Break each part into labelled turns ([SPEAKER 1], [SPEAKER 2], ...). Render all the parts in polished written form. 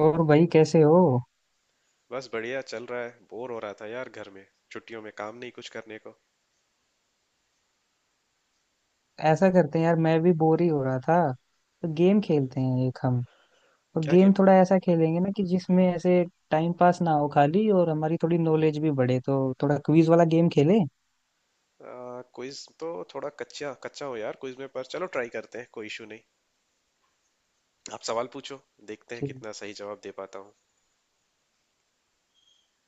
[SPEAKER 1] और भाई कैसे हो?
[SPEAKER 2] बस बढ़िया चल रहा है। बोर हो रहा था यार घर में। छुट्टियों में काम नहीं कुछ करने को।
[SPEAKER 1] ऐसा करते हैं यार, मैं भी बोर ही हो रहा था। तो गेम खेलते हैं एक हम। और
[SPEAKER 2] क्या
[SPEAKER 1] गेम
[SPEAKER 2] गेम?
[SPEAKER 1] थोड़ा ऐसा खेलेंगे ना कि जिसमें ऐसे टाइम पास ना हो खाली और हमारी थोड़ी नॉलेज भी बढ़े, तो थोड़ा क्विज वाला गेम खेले।
[SPEAKER 2] क्विज तो थोड़ा कच्चा कच्चा हो यार क्विज में, पर चलो ट्राई करते हैं, कोई इशू नहीं। आप सवाल पूछो, देखते हैं
[SPEAKER 1] ठीक।
[SPEAKER 2] कितना सही जवाब दे पाता हूँ।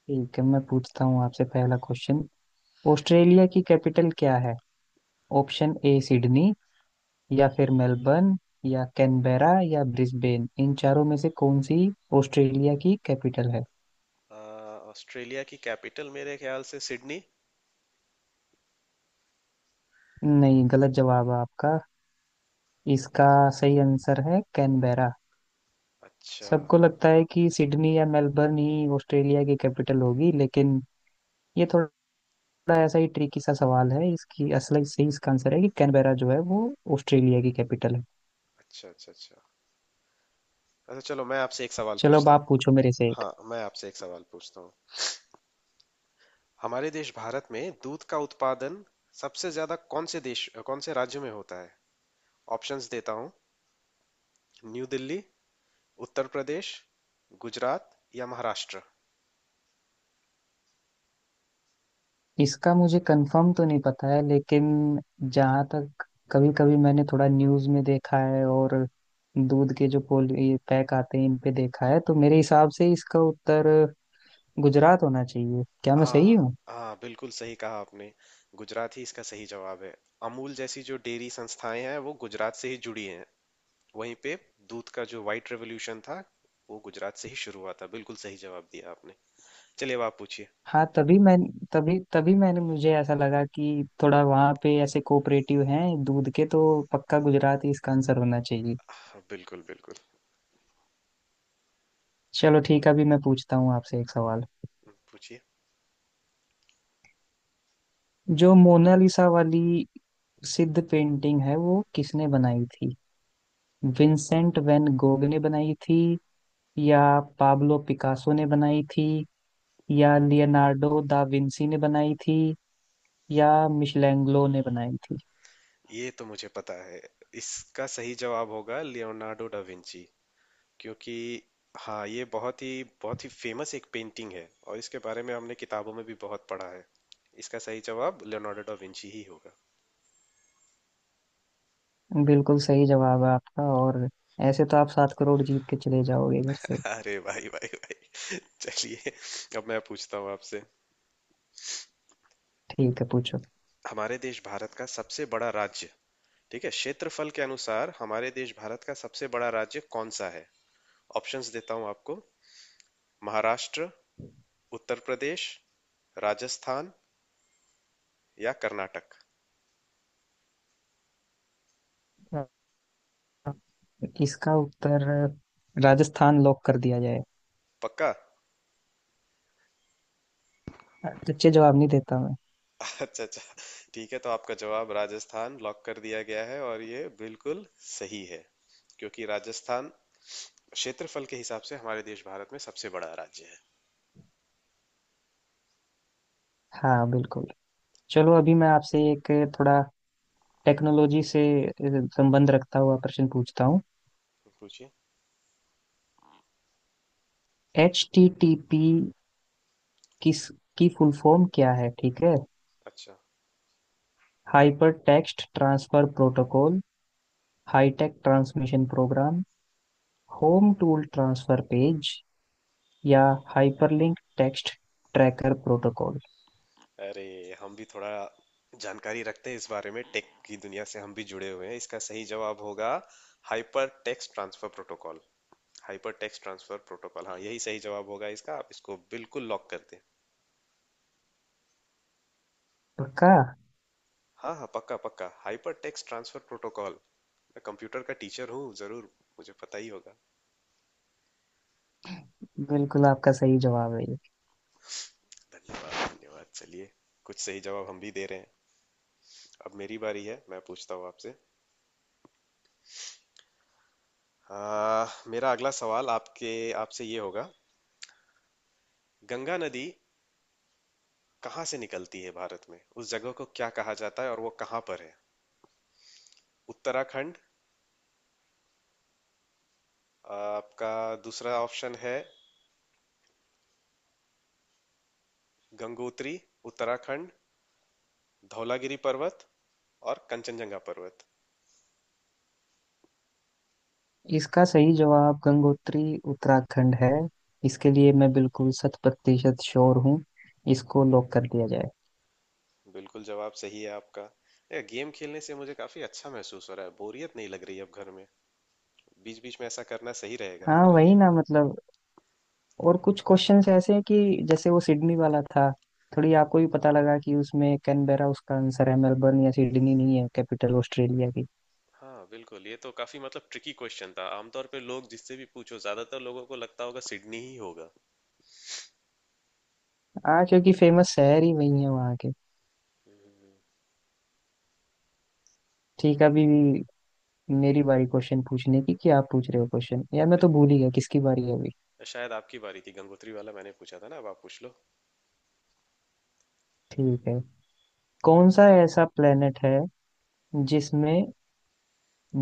[SPEAKER 1] ठीक है, मैं पूछता हूँ आपसे पहला क्वेश्चन। ऑस्ट्रेलिया की कैपिटल क्या है? ऑप्शन A सिडनी, या फिर मेलबर्न, या कैनबेरा, या ब्रिस्बेन, इन चारों में से कौन सी ऑस्ट्रेलिया की कैपिटल है?
[SPEAKER 2] अ, ऑस्ट्रेलिया की कैपिटल मेरे ख्याल से सिडनी।
[SPEAKER 1] नहीं, गलत जवाब है आपका। इसका सही आंसर है कैनबेरा।
[SPEAKER 2] अच्छा
[SPEAKER 1] सबको लगता है कि सिडनी या मेलबर्न ही ऑस्ट्रेलिया की कैपिटल होगी, लेकिन ये थोड़ा ऐसा ही ट्रिकी सा सवाल है। इसकी असल सही इसका आंसर है कि कैनबेरा जो है वो ऑस्ट्रेलिया की कैपिटल है।
[SPEAKER 2] अच्छा अच्छा। अच्छा अच्छा, चलो मैं आपसे एक सवाल
[SPEAKER 1] चलो, अब
[SPEAKER 2] पूछता हूँ।
[SPEAKER 1] आप पूछो मेरे से एक।
[SPEAKER 2] हाँ, मैं आपसे एक सवाल पूछता हूँ। हमारे देश भारत में दूध का उत्पादन सबसे ज्यादा कौन से देश कौन से राज्य में होता है? ऑप्शंस देता हूँ। न्यू दिल्ली, उत्तर प्रदेश, गुजरात या महाराष्ट्र?
[SPEAKER 1] इसका मुझे कंफर्म तो नहीं पता है, लेकिन जहाँ तक कभी कभी मैंने थोड़ा न्यूज़ में देखा है, और दूध के जो पोल ये पैक आते हैं इन पे देखा है, तो मेरे हिसाब से इसका उत्तर गुजरात होना चाहिए। क्या मैं सही
[SPEAKER 2] हाँ
[SPEAKER 1] हूँ?
[SPEAKER 2] हाँ, बिल्कुल सही कहा आपने। गुजरात ही इसका सही जवाब है। अमूल जैसी जो डेयरी संस्थाएं हैं वो गुजरात से ही जुड़ी हैं। वहीं पे दूध का जो वाइट रेवोल्यूशन था वो गुजरात से ही शुरू हुआ था। बिल्कुल सही जवाब दिया आपने। चलिए अब आप पूछिए।
[SPEAKER 1] हाँ, तभी मैं तभी तभी मैंने मुझे ऐसा लगा कि थोड़ा वहाँ पे ऐसे कोऑपरेटिव हैं दूध के, तो पक्का गुजरात ही इसका आंसर होना चाहिए।
[SPEAKER 2] हाँ, बिल्कुल बिल्कुल।
[SPEAKER 1] चलो ठीक है, अभी मैं पूछता हूँ आपसे एक सवाल।
[SPEAKER 2] पूछिए।
[SPEAKER 1] जो मोनालिसा वाली सिद्ध पेंटिंग है वो किसने बनाई थी? विंसेंट वैन गोग ने बनाई थी, या पाब्लो पिकासो ने बनाई थी, या लियोनार्डो दा विंसी ने बनाई थी, या मिशेलेंग्लो ने बनाई थी?
[SPEAKER 2] ये तो मुझे पता है। इसका सही जवाब होगा लियोनार्डो डा विंची, क्योंकि हाँ, ये बहुत ही फेमस एक पेंटिंग है और इसके बारे में हमने किताबों में भी बहुत पढ़ा है। इसका सही जवाब लियोनार्डो डा विंची ही होगा।
[SPEAKER 1] बिल्कुल सही जवाब है आपका। और ऐसे तो आप 7 करोड़ जीत के चले जाओगे इधर से।
[SPEAKER 2] अरे भाई भाई भाई चलिए, अब मैं पूछता हूँ आपसे।
[SPEAKER 1] ठीक है, पूछो।
[SPEAKER 2] हमारे देश भारत का सबसे बड़ा राज्य, ठीक है, क्षेत्रफल के अनुसार हमारे देश भारत का सबसे बड़ा राज्य कौन सा है? ऑप्शंस देता हूँ आपको। महाराष्ट्र, उत्तर प्रदेश, राजस्थान या कर्नाटक?
[SPEAKER 1] हाँ, इसका उत्तर राजस्थान लॉक कर दिया जाए।
[SPEAKER 2] पक्का?
[SPEAKER 1] अच्छे जवाब नहीं देता मैं।
[SPEAKER 2] अच्छा अच्छा। ठीक है, तो आपका जवाब राजस्थान लॉक कर दिया गया है और ये बिल्कुल सही है, क्योंकि राजस्थान क्षेत्रफल के हिसाब से हमारे देश भारत में सबसे बड़ा राज्य है।
[SPEAKER 1] हाँ बिल्कुल। चलो, अभी मैं आपसे एक थोड़ा टेक्नोलॉजी से संबंध रखता हुआ प्रश्न पूछता हूँ।
[SPEAKER 2] पूछिए।
[SPEAKER 1] HTTP किस की फुल फॉर्म क्या है, ठीक है?
[SPEAKER 2] अच्छा।
[SPEAKER 1] Hyper text transfer protocol, high tech transmission program, home tool transfer page, या हाइपरलिंक टेक्स्ट ट्रैकर प्रोटोकॉल?
[SPEAKER 2] अरे हम भी थोड़ा जानकारी रखते हैं इस बारे में, टेक की दुनिया से हम भी जुड़े हुए हैं। इसका सही जवाब होगा hyper text transfer protocol. Hyper text transfer protocol, हाँ यही सही जवाब होगा इसका। आप इसको बिल्कुल लॉक कर दें।
[SPEAKER 1] पक्का।
[SPEAKER 2] हाँ हाँ, पक्का पक्का, हाइपर टेक्स्ट ट्रांसफर प्रोटोकॉल। मैं कंप्यूटर का टीचर हूँ, जरूर मुझे पता ही होगा।
[SPEAKER 1] बिल्कुल आपका सही जवाब है ये।
[SPEAKER 2] धन्यवाद धन्यवाद। चलिए, कुछ सही जवाब हम भी दे रहे हैं। अब मेरी बारी है, मैं पूछता हूँ आपसे। मेरा अगला सवाल आपके आपसे ये होगा। गंगा नदी कहाँ से निकलती है भारत में? उस जगह को क्या कहा जाता है और वो कहाँ पर है? उत्तराखंड। आपका दूसरा ऑप्शन है, गंगोत्री उत्तराखंड, धौलागिरी पर्वत और कंचनजंगा पर्वत।
[SPEAKER 1] इसका सही जवाब गंगोत्री उत्तराखंड है। इसके लिए मैं बिल्कुल 100% श्योर हूँ। इसको लॉक कर दिया जाए।
[SPEAKER 2] बिल्कुल जवाब सही है आपका। ये गेम खेलने से मुझे काफी अच्छा महसूस हो रहा है, बोरियत नहीं लग रही है अब घर में। बीच बीच में ऐसा करना सही रहेगा
[SPEAKER 1] हाँ
[SPEAKER 2] हमारे
[SPEAKER 1] वही
[SPEAKER 2] लिए।
[SPEAKER 1] ना, मतलब और कुछ क्वेश्चंस ऐसे हैं कि जैसे वो सिडनी वाला था। थोड़ी आपको भी पता लगा कि उसमें कैनबेरा उसका आंसर है, मेलबर्न या सिडनी नहीं है कैपिटल ऑस्ट्रेलिया की।
[SPEAKER 2] हाँ बिल्कुल, ये तो काफी मतलब ट्रिकी क्वेश्चन था। आमतौर पे लोग जिससे भी पूछो, ज्यादातर लोगों को लगता होगा सिडनी ही होगा।
[SPEAKER 1] हाँ, क्योंकि फेमस शहर ही वही है वहाँ के। ठीक है, अभी मेरी बारी क्वेश्चन पूछने की कि आप पूछ रहे हो क्वेश्चन? यार मैं तो भूल ही गया किसकी बारी है अभी।
[SPEAKER 2] नहीं, शायद आपकी बारी थी, गंगोत्री वाला मैंने पूछा था ना। अब आप पूछ लो।
[SPEAKER 1] ठीक है। कौन सा ऐसा प्लेनेट है जिसमें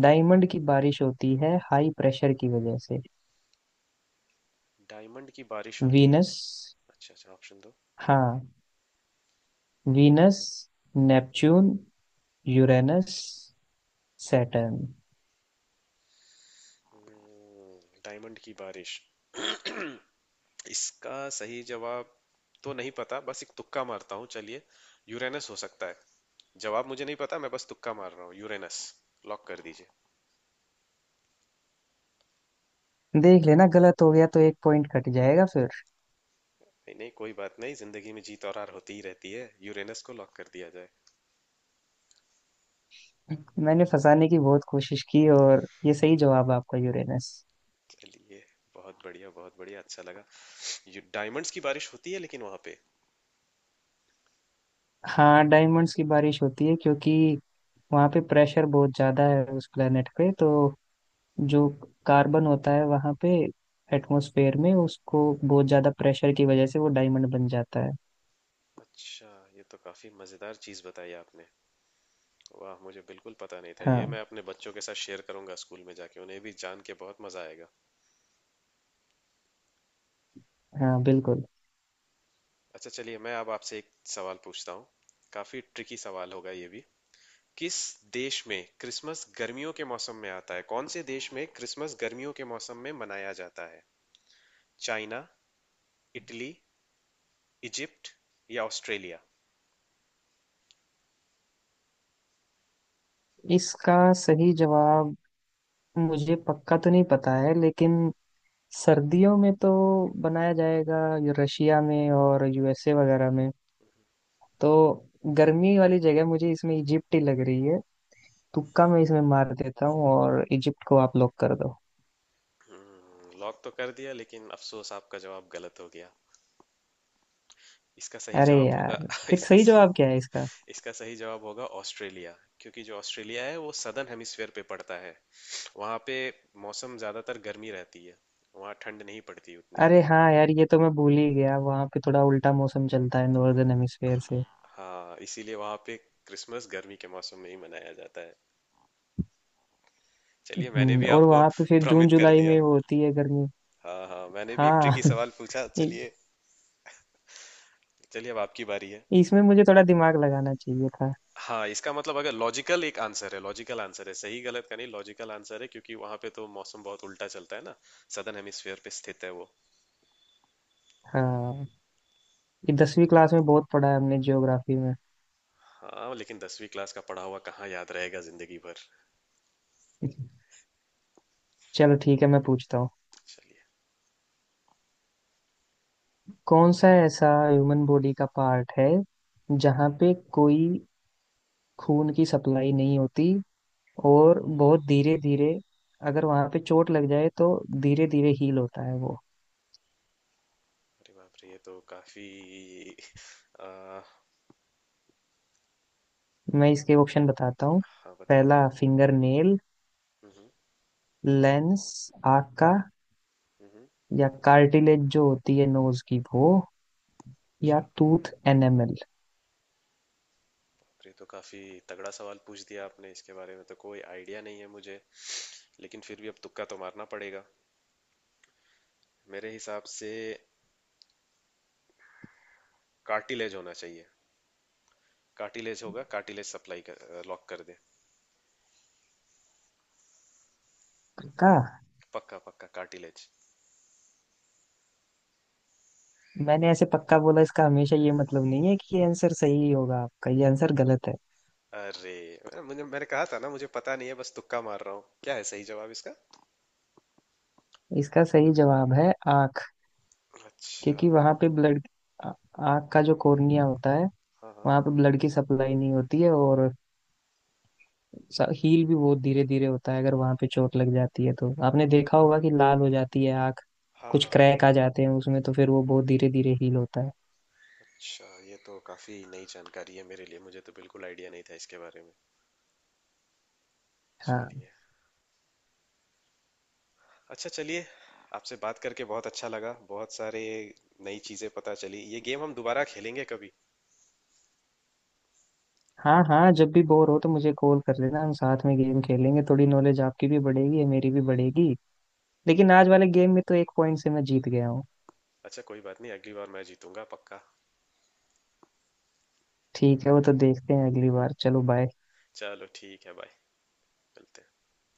[SPEAKER 1] डायमंड की बारिश होती है हाई प्रेशर की वजह से?
[SPEAKER 2] डायमंड की बारिश होती है?
[SPEAKER 1] वीनस।
[SPEAKER 2] अच्छा अच्छा, ऑप्शन दो।
[SPEAKER 1] हाँ। Venus, Neptune, Uranus, Saturn.
[SPEAKER 2] हम्म, डायमंड की बारिश। इसका सही जवाब तो नहीं पता, बस एक तुक्का मारता हूँ। चलिए, यूरेनस हो सकता है। जवाब मुझे नहीं पता, मैं बस तुक्का मार रहा हूँ। यूरेनस लॉक कर दीजिए।
[SPEAKER 1] देख लेना, गलत हो गया तो एक पॉइंट कट जाएगा फिर।
[SPEAKER 2] नहीं नहीं, कोई बात नहीं, जिंदगी में जीत और हार होती ही रहती है। यूरेनस को लॉक कर दिया जाए।
[SPEAKER 1] मैंने फंसाने की बहुत कोशिश की और ये सही जवाब है आपका, यूरेनस।
[SPEAKER 2] चलिए, बहुत बढ़िया बहुत बढ़िया, अच्छा लगा। ये डायमंड्स की बारिश होती है लेकिन वहाँ पे।
[SPEAKER 1] हाँ, डायमंड्स की बारिश होती है, क्योंकि वहाँ पे प्रेशर बहुत ज़्यादा है उस प्लेनेट पे। तो जो कार्बन होता है वहाँ पे एटमॉस्फेयर में, उसको बहुत ज़्यादा प्रेशर की वजह से वो डायमंड बन जाता है।
[SPEAKER 2] अच्छा, ये तो काफी मजेदार चीज बताई आपने। वाह, मुझे बिल्कुल पता नहीं था ये।
[SPEAKER 1] हाँ,
[SPEAKER 2] मैं अपने बच्चों के साथ शेयर करूंगा स्कूल में जाके, उन्हें भी जान के बहुत मजा आएगा।
[SPEAKER 1] हाँ बिल्कुल।
[SPEAKER 2] अच्छा, चलिए मैं अब आपसे एक सवाल पूछता हूँ। काफी ट्रिकी सवाल होगा ये भी। किस देश में क्रिसमस गर्मियों के मौसम में आता है? कौन से देश में क्रिसमस गर्मियों के मौसम में मनाया जाता है? चाइना, इटली, इजिप्ट या ऑस्ट्रेलिया?
[SPEAKER 1] इसका सही जवाब मुझे पक्का तो नहीं पता है, लेकिन सर्दियों में तो बनाया जाएगा ये रशिया में और यूएसए वगैरह में। तो गर्मी वाली जगह मुझे इसमें इजिप्ट ही लग रही है। तुक्का मैं इसमें मार देता हूँ और इजिप्ट को आप लॉक कर दो।
[SPEAKER 2] लॉक तो कर दिया, लेकिन अफसोस आपका जवाब गलत हो गया। इसका सही
[SPEAKER 1] अरे
[SPEAKER 2] जवाब होगा
[SPEAKER 1] यार, फिर
[SPEAKER 2] इसका
[SPEAKER 1] सही जवाब
[SPEAKER 2] स-
[SPEAKER 1] क्या है इसका?
[SPEAKER 2] इसका सही जवाब होगा ऑस्ट्रेलिया, क्योंकि जो ऑस्ट्रेलिया है वो सदर्न हेमिस्फेयर पे पड़ता है। वहाँ पे मौसम ज़्यादातर गर्मी रहती है, वहाँ ठंड नहीं पड़ती उतनी।
[SPEAKER 1] अरे हाँ यार, ये तो मैं भूल ही गया। वहाँ पे थोड़ा उल्टा मौसम चलता है नॉर्दर्न हेमिस्फेयर से।
[SPEAKER 2] हाँ, इसीलिए वहाँ पे क्रिसमस गर्मी के मौसम में ही मनाया जाता है। चलिए, मैंने भी
[SPEAKER 1] और
[SPEAKER 2] आपको
[SPEAKER 1] वहाँ पे फिर जून
[SPEAKER 2] भ्रमित कर
[SPEAKER 1] जुलाई
[SPEAKER 2] दिया।
[SPEAKER 1] में होती है गर्मी।
[SPEAKER 2] हाँ हाँ, मैंने भी एक ट्रिकी
[SPEAKER 1] हाँ।
[SPEAKER 2] सवाल पूछा।
[SPEAKER 1] इ-
[SPEAKER 2] चलिए, चलिए अब आपकी बारी है।
[SPEAKER 1] इसमें मुझे थोड़ा दिमाग लगाना चाहिए था।
[SPEAKER 2] हाँ, इसका मतलब, अगर लॉजिकल एक आंसर है, लॉजिकल आंसर है, सही गलत का नहीं, लॉजिकल आंसर है, क्योंकि वहां पे तो मौसम बहुत उल्टा चलता है ना। सदर्न हेमिस्फीयर पे स्थित है वो।
[SPEAKER 1] हाँ, ये 10वीं क्लास में बहुत पढ़ा है हमने ज्योग्राफी में।
[SPEAKER 2] हाँ, लेकिन दसवीं क्लास का पढ़ा हुआ कहाँ याद रहेगा जिंदगी भर।
[SPEAKER 1] चलो ठीक है, मैं पूछता हूँ।
[SPEAKER 2] चलिए।
[SPEAKER 1] कौन सा ऐसा ह्यूमन बॉडी का पार्ट है जहाँ पे कोई खून की सप्लाई नहीं होती, और बहुत धीरे धीरे अगर वहाँ पे चोट लग जाए तो धीरे धीरे हील होता है वो?
[SPEAKER 2] अरे बाप रे, ये तो काफी। आ,
[SPEAKER 1] मैं इसके ऑप्शन बताता हूँ।
[SPEAKER 2] हाँ बताइए।
[SPEAKER 1] पहला फिंगर नेल,
[SPEAKER 2] हम्म।
[SPEAKER 1] लेंस आँख का,
[SPEAKER 2] हम्म।
[SPEAKER 1] या कार्टिलेज जो होती है नोज की वो, या
[SPEAKER 2] अच्छा।
[SPEAKER 1] Tooth enamel.
[SPEAKER 2] बाप रे, तो काफी तगड़ा सवाल पूछ दिया आपने। इसके बारे में तो कोई आइडिया नहीं है मुझे, लेकिन फिर भी अब तुक्का तो मारना पड़ेगा। मेरे हिसाब से कार्टिलेज होना चाहिए। कार्टिलेज होगा, कार्टिलेज सप्लाई कर, लॉक कर दे।
[SPEAKER 1] पक्का।
[SPEAKER 2] पक्का पक्का, कार्टिलेज।
[SPEAKER 1] मैंने ऐसे पक्का बोला, इसका हमेशा ये मतलब नहीं है कि ये आंसर सही होगा। आपका ये आंसर गलत है।
[SPEAKER 2] अरे मुझे, मैंने कहा था ना मुझे पता नहीं है, बस तुक्का मार रहा हूँ। क्या है सही जवाब इसका?
[SPEAKER 1] इसका सही जवाब है आँख।
[SPEAKER 2] अच्छा।
[SPEAKER 1] क्योंकि वहां पे ब्लड, आँख का जो कॉर्निया होता है
[SPEAKER 2] हाँ हाँ
[SPEAKER 1] वहां पे ब्लड की सप्लाई नहीं होती है, और हील भी बहुत धीरे धीरे होता है। अगर वहां पे चोट लग जाती है तो आपने देखा होगा कि लाल हो जाती है आंख।
[SPEAKER 2] हाँ। हाँ
[SPEAKER 1] कुछ
[SPEAKER 2] हाँ।
[SPEAKER 1] क्रैक आ जाते हैं उसमें, तो फिर वो बहुत धीरे धीरे हील होता है।
[SPEAKER 2] अच्छा, ये तो काफी नई जानकारी है मेरे लिए, मुझे तो बिल्कुल आइडिया नहीं था इसके बारे में।
[SPEAKER 1] हाँ,
[SPEAKER 2] चलिए। अच्छा, चलिए, आपसे बात करके बहुत अच्छा लगा, बहुत सारे नई चीजें पता चली। ये गेम हम दोबारा खेलेंगे कभी।
[SPEAKER 1] हाँ, हाँ। जब भी बोर हो तो मुझे कॉल कर लेना, हम साथ में गेम खेलेंगे, थोड़ी नॉलेज आपकी भी बढ़ेगी मेरी भी बढ़ेगी। लेकिन आज वाले गेम में तो एक पॉइंट से मैं जीत गया हूँ।
[SPEAKER 2] अच्छा, कोई बात नहीं, अगली बार मैं जीतूंगा पक्का।
[SPEAKER 1] ठीक है, वो तो देखते हैं अगली बार। चलो, बाय।
[SPEAKER 2] चलो ठीक है, बाय, मिलते हैं।